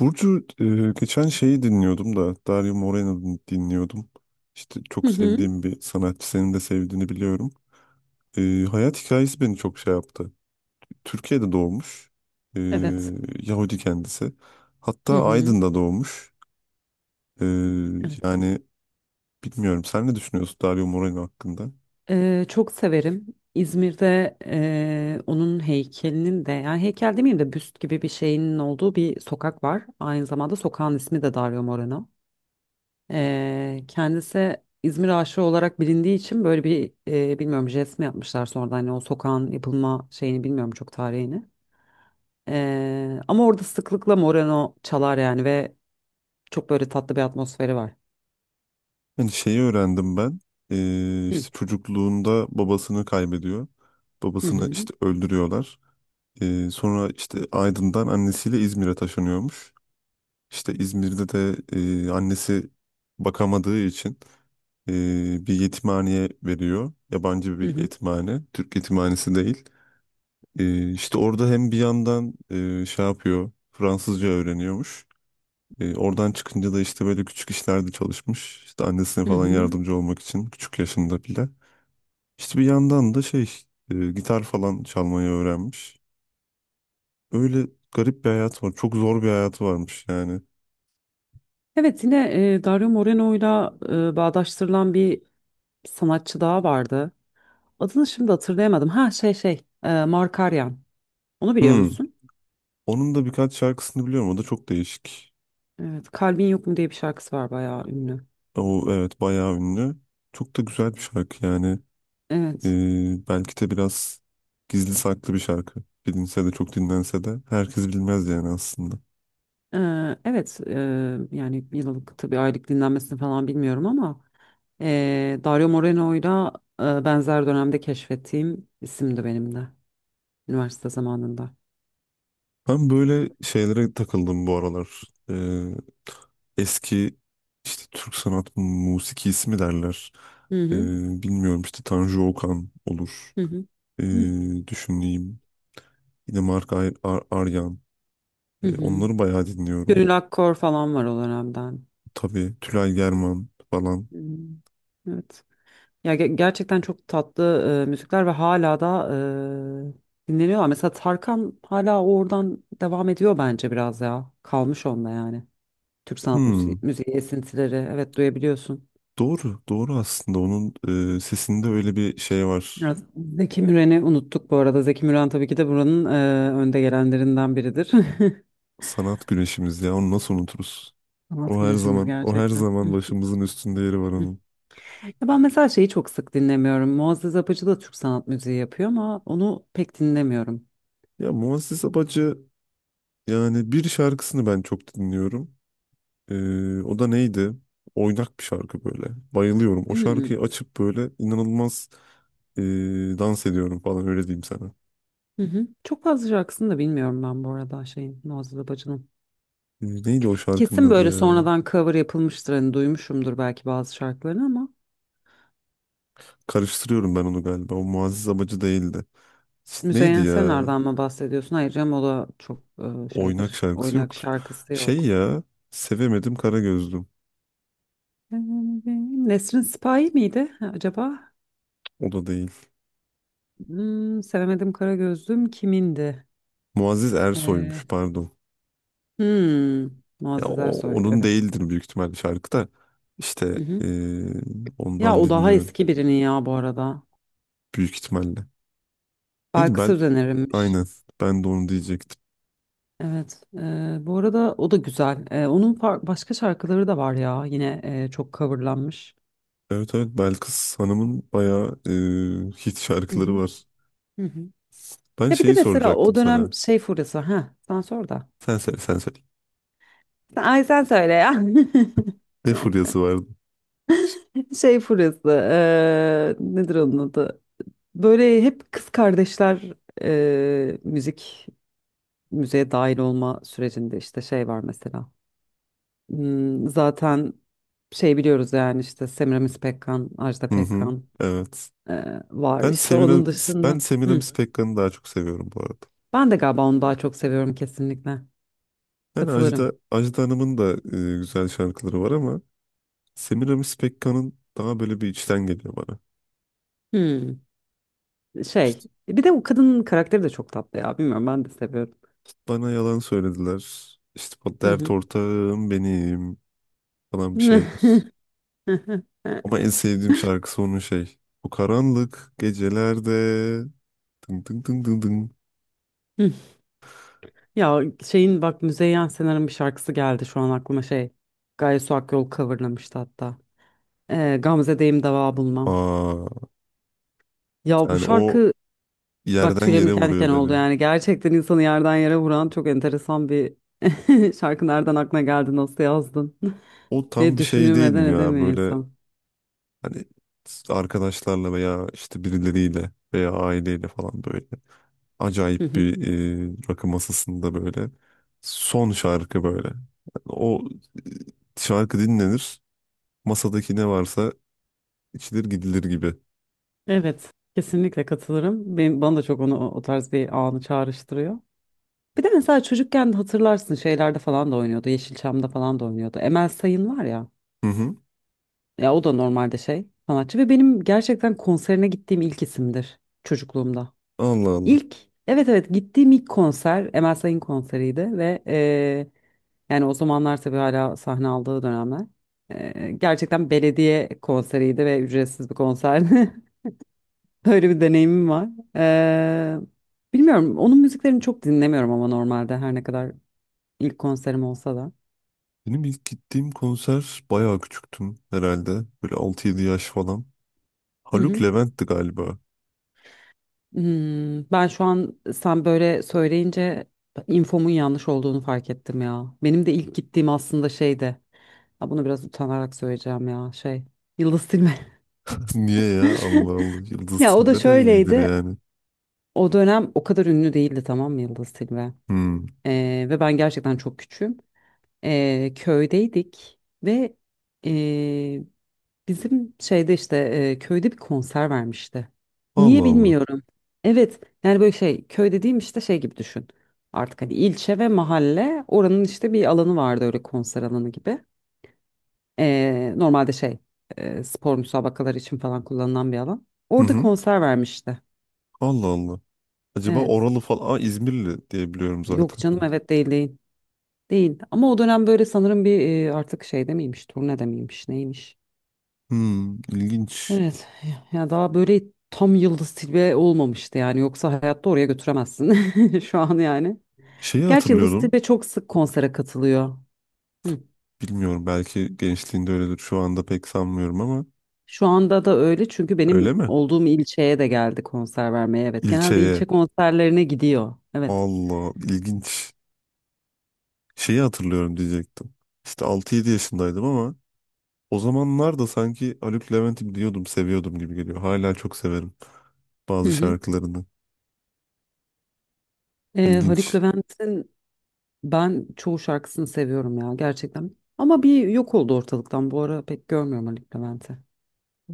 Burcu, geçen şeyi dinliyordum da Dario Moreno dinliyordum. İşte Hı çok hı, sevdiğim bir sanatçı, senin de sevdiğini biliyorum. Hayat hikayesi beni çok şey yaptı. Türkiye'de doğmuş. E, evet. Yahudi kendisi. Hı Hatta hı, Aydın'da doğmuş. E, evet. yani bilmiyorum, sen ne düşünüyorsun Dario Moreno hakkında? Çok severim. İzmir'de, onun heykelinin de, yani heykel demeyeyim de büst gibi bir şeyinin olduğu bir sokak var. Aynı zamanda sokağın ismi de Dario Moreno. Kendisi İzmir aşığı olarak bilindiği için böyle bir bilmiyorum jest mi yapmışlar sonradan, hani o sokağın yapılma şeyini bilmiyorum çok, tarihini. Ama orada sıklıkla Moreno çalar yani, ve çok böyle tatlı bir atmosferi var. Yani şeyi öğrendim ben. Hı hı. İşte çocukluğunda babasını kaybediyor. Hı Babasını hı. işte öldürüyorlar. Sonra işte Aydın'dan annesiyle İzmir'e taşınıyormuş. İşte İzmir'de de annesi bakamadığı için e, bir yetimhaneye veriyor. Yabancı Hı bir hı. yetimhane, Türk yetimhanesi değil. İşte orada hem bir yandan şey yapıyor, Fransızca öğreniyormuş. Oradan çıkınca da işte böyle küçük işlerde çalışmış. İşte annesine Hı falan hı. yardımcı olmak için küçük yaşında bile. İşte bir yandan da şey, gitar falan çalmayı öğrenmiş. Öyle garip bir hayat var. Çok zor bir hayatı varmış yani. Evet, yine Dario Moreno'yla bağdaştırılan bir sanatçı daha vardı. Adını şimdi hatırlayamadım. Ha, Markaryan. Onu biliyor musun? Onun da birkaç şarkısını biliyorum. O da çok değişik. Evet, Kalbin Yok Mu diye bir şarkısı var, bayağı ünlü. O evet, bayağı ünlü. Çok da güzel bir şarkı yani. Evet. Belki de biraz gizli saklı bir şarkı. Bilinse de, çok dinlense de herkes bilmez yani aslında. E, evet, yani yıllık, tabii aylık dinlenmesini falan bilmiyorum ama Dario Moreno'yla benzer dönemde keşfettiğim isimdi benim de, üniversite zamanında. Ben böyle şeylere takıldım bu aralar. Eski işte Türk sanat musikisi mi derler. Hı Ee, hı Bilmiyorum işte, Tanju Okan olur. hı hı. Hı Düşüneyim. Yine Aryan. hı. Hı. Onları bayağı dinliyorum. Gönül Akkor falan var o dönemden. Tabii Tülay German falan. Hmm, Evet. Ya gerçekten çok tatlı müzikler ve hala da dinleniyorlar. Mesela Tarkan hala oradan devam ediyor bence biraz ya. Kalmış onda yani. Türk sanat müziği, Hmm, müziği esintileri. Evet, duyabiliyorsun. doğru, doğru aslında. Onun sesinde öyle bir şey var. Biraz Zeki Müren'i unuttuk bu arada. Zeki Müren tabii ki de buranın önde gelenlerinden biridir. Sanat güneşimiz ya. Onu nasıl unuturuz? Sanat O her güneşimiz zaman, o her gerçekten. zaman Hı, başımızın üstünde yeri var hı. onun. Ya ben mesela şeyi çok sık dinlemiyorum. Muazzez Apıcı da Türk sanat müziği yapıyor ama onu pek dinlemiyorum. Ya Muazzez Abacı, yani bir şarkısını ben çok dinliyorum. O da neydi? Oynak bir şarkı böyle. Bayılıyorum. O şarkıyı Hmm. açıp böyle inanılmaz e, dans ediyorum falan, öyle diyeyim sana. Hı. Çok fazla şarkısını da bilmiyorum ben bu arada şeyin, Nazlı Babacı'nın. Neydi o Kesin şarkının adı böyle ya? sonradan cover yapılmıştır, hani duymuşumdur belki bazı şarkılarını ama Karıştırıyorum ben onu galiba. O Muazzez Abacı değildi. Neydi Müzeyyen ya? Senar'dan mı bahsediyorsun? Hayır canım, o da çok Oynak şeydir, şarkısı oynak yoktur. şarkısı yok. Şey ya. Sevemedim kara gözlüm. Nesrin Sipahi miydi acaba? O da değil. Sevemedim Kara Gözlüm kimindi? Muazzez Ee, Ersoy'muş, pardon. hmm, Ya Muazzez o, Ersoy, onun evet. değildir büyük ihtimalle şarkı da. Hı İşte hı. Ya ondan o daha dinliyorum eski birinin ya bu arada. büyük ihtimalle. Neydi Belki Bel? Söz önerimmiş. Aynen. Ben de onu diyecektim. Evet. Bu arada o da güzel. Onun başka şarkıları da var ya. Yine çok coverlanmış. Evet evet, Belkıs Hanım'ın bayağı hit Hı şarkıları hı, var. hı hı. Ben Ya bir de şeyi mesela soracaktım o sana. dönem şey furyası. Ha, sen sor da. Sen söyle, sen söyle. Ay sen söyle ya. Ne furyası vardı? Şey furyası. Nedir onun adı? Böyle hep kız kardeşler müzik müzeye dahil olma sürecinde, işte şey var mesela. Zaten şey, biliyoruz yani, işte Semiramis Pekkan, Ajda Hı hı. Pekkan. Evet. Var Ben işte Semira, onun Ben dışında. Hı. Semiramis Pekkan'ı daha çok seviyorum bu arada. Ben de galiba onu daha çok seviyorum, kesinlikle. Yani Ajda, Katılırım. Ajda Hanım'ın da güzel şarkıları var ama Semiramis Pekkan'ın daha böyle bir içten geliyor bana. Hı. Şey, İşte bir de o kadının karakteri de çok tatlı ya. Bilmiyorum, ben de seviyorum. bana yalan söylediler. İşte bu Hı dert hı. ortağım benim. Falan bir şeyler. Ama en sevdiğim şarkısı onun şey. Bu karanlık gecelerde dın dın dın dın dın. Hı. Ya şeyin, bak, Müzeyyen Senar'ın bir şarkısı geldi şu an aklıma, şey. Gaye Su Akyol coverlamıştı hatta. Gamze'deyim dava bulmam. Aa, Ya bu yani o şarkı, bak, yerden tüylerim yere diken diken vuruyor oldu beni. yani. Gerçekten insanı yerden yere vuran çok enteresan bir, şarkı nereden aklına geldi, nasıl yazdın, O diye tam bir şey düşünülmeden değilim ya, edemiyor böyle insan. hani arkadaşlarla veya işte birileriyle veya aileyle falan böyle Hı acayip hı. bir, rakı masasında böyle son şarkı böyle. Yani o şarkı dinlenir, masadaki ne varsa içilir gidilir gibi. Evet, kesinlikle katılırım. Bana da çok onu, o tarz bir anı çağrıştırıyor. Bir de mesela çocukken de hatırlarsın, şeylerde falan da oynuyordu. Yeşilçam'da falan da oynuyordu. Emel Sayın var ya. Hı hı. Ya o da normalde şey sanatçı ve benim gerçekten konserine gittiğim ilk isimdir, çocukluğumda. Allah Allah. İlk, evet evet, gittiğim ilk konser Emel Sayın konseriydi ve yani o zamanlar tabii hala sahne aldığı dönemler. Gerçekten belediye konseriydi ve ücretsiz bir konserdi. Öyle bir deneyimim var. Ee, Bilmiyorum. Onun müziklerini çok dinlemiyorum ama normalde, her ne kadar ilk konserim olsa da. Benim ilk gittiğim konser bayağı küçüktüm herhalde. Böyle altı yedi yaş falan. Hı Haluk hı. Levent'ti galiba. Ben şu an sen böyle söyleyince infomun yanlış olduğunu fark ettim ya. Benim de ilk gittiğim aslında şeydi. Ha, bunu biraz utanarak söyleyeceğim ya. Şey, Yıldız Tilbe. Niye ya? Allah Allah. Yıldız Ya o da Tilbe de iyidir şöyleydi. yani. O dönem o kadar ünlü değildi, tamam mı, Yıldız Tilbe? Hmm. Ve ben gerçekten çok küçüğüm. Köydeydik ve bizim şeyde işte, köyde bir konser vermişti. Niye Allah Allah. bilmiyorum. Evet, yani böyle şey, köy dediğim işte şey gibi düşün. Artık hani ilçe ve mahalle, oranın işte bir alanı vardı, öyle konser alanı gibi. Normalde şey, spor müsabakaları için falan kullanılan bir alan. Hı Orada hı. konser vermişti. Allah Allah. Acaba Evet. Oralı falan. Aa, İzmirli diye biliyorum Yok zaten. canım, evet, değil, değil. Değil. Ama o dönem böyle sanırım bir artık şeyde miymiş, turnede miymiş, neymiş. Hmm, ilginç. Evet ya, daha böyle tam Yıldız Tilbe olmamıştı yani, yoksa hayatta oraya götüremezsin şu an yani. Şeyi Gerçi Yıldız hatırlıyorum. Tilbe çok sık konsere katılıyor. Hı. Bilmiyorum, belki gençliğinde öyledir. Şu anda pek sanmıyorum ama. Şu anda da öyle, çünkü Öyle benim mi? olduğum ilçeye de geldi konser vermeye, evet. Genelde İlçeye ilçe konserlerine gidiyor, evet. Allah, ilginç. Şeyi hatırlıyorum diyecektim. İşte altı yedi yaşındaydım ama o zamanlar da sanki Haluk Levent'i biliyordum, seviyordum gibi geliyor. Hala çok severim Hı bazı hı. şarkılarını. Haluk İlginç. Levent'in ben çoğu şarkısını seviyorum ya, gerçekten. Ama bir yok oldu ortalıktan, bu ara pek görmüyorum Haluk Levent'i.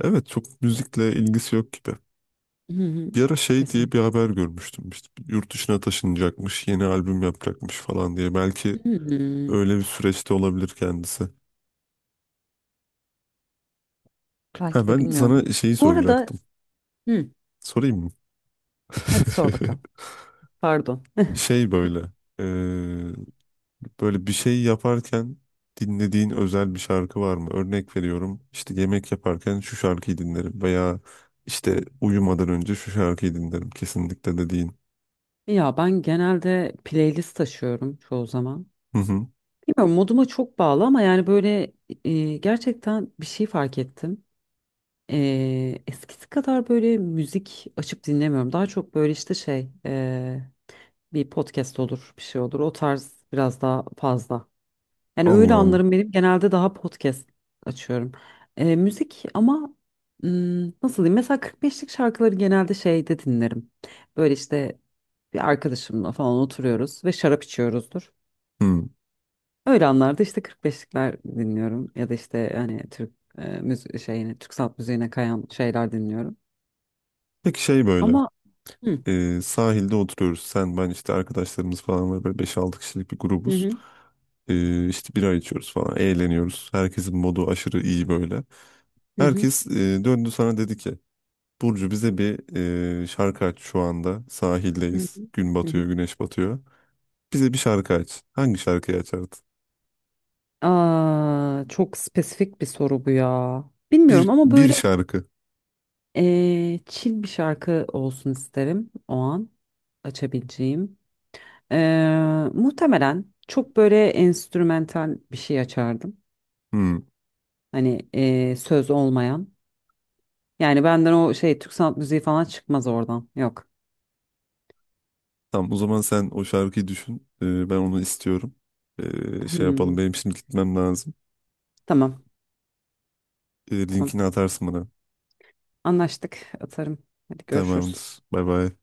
Evet, çok müzikle ilgisi yok gibi. Hı hı. Bir ara şey Kesin. diye bir haber görmüştüm. İşte yurt dışına taşınacakmış, yeni albüm yapacakmış falan diye. Belki Hı hı. öyle bir süreçte olabilir kendisi. Ha, Belki de, ben bilmiyorum. sana şeyi Bu arada soracaktım. Hı. Sorayım mı? Hadi sor bakalım. Pardon. Şey böyle. Böyle bir şey yaparken dinlediğin özel bir şarkı var mı? Örnek veriyorum, işte yemek yaparken şu şarkıyı dinlerim veya işte uyumadan önce şu şarkıyı dinlerim kesinlikle dediğin. Ya ben genelde playlist taşıyorum çoğu zaman. Hı hı. Bilmiyorum, moduma çok bağlı ama yani böyle gerçekten bir şey fark ettim. Eskisi kadar böyle müzik açıp dinlemiyorum. Daha çok böyle işte şey, bir podcast olur, bir şey olur. O tarz biraz daha fazla. Yani öyle Allah Allah. anlarım, benim genelde daha podcast açıyorum. Müzik ama nasıl diyeyim? Mesela 45'lik şarkıları genelde şeyde dinlerim. Böyle işte bir arkadaşımla falan oturuyoruz ve şarap içiyoruzdur. Hı. Öyle anlarda işte 45'likler dinliyorum ya da işte hani Türk müzik şeyine, Türk sanat müziğine kayan şeyler dinliyorum. Peki şey böyle, Ama hı sahilde oturuyoruz sen ben, işte arkadaşlarımız falan var, böyle beş altı kişilik bir hı grubuz. hı İşte bira içiyoruz falan, eğleniyoruz. Herkesin modu aşırı iyi böyle. hı Herkes döndü sana, dedi ki Burcu, bize bir şarkı aç şu anda. hı Sahildeyiz. hı. Gün hı hı. batıyor, güneş batıyor. Bize bir şarkı aç. Hangi şarkıyı açardın? Aa, çok spesifik bir soru bu ya. Bilmiyorum Bir, ama bir böyle, şarkı. Chill bir şarkı olsun isterim o an açabileceğim. Muhtemelen çok böyle enstrümantal bir şey açardım. Hmm. Hani söz olmayan. Yani benden o şey Türk sanat müziği falan çıkmaz oradan. Yok. Tamam, o zaman sen o şarkıyı düşün. Ben onu istiyorum. Şey Hmm, yapalım, benim şimdi gitmem lazım. tamam. Tamam. Linkini atarsın bana. Anlaştık. Atarım. Hadi görüşürüz. Tamamdır. Bay bay.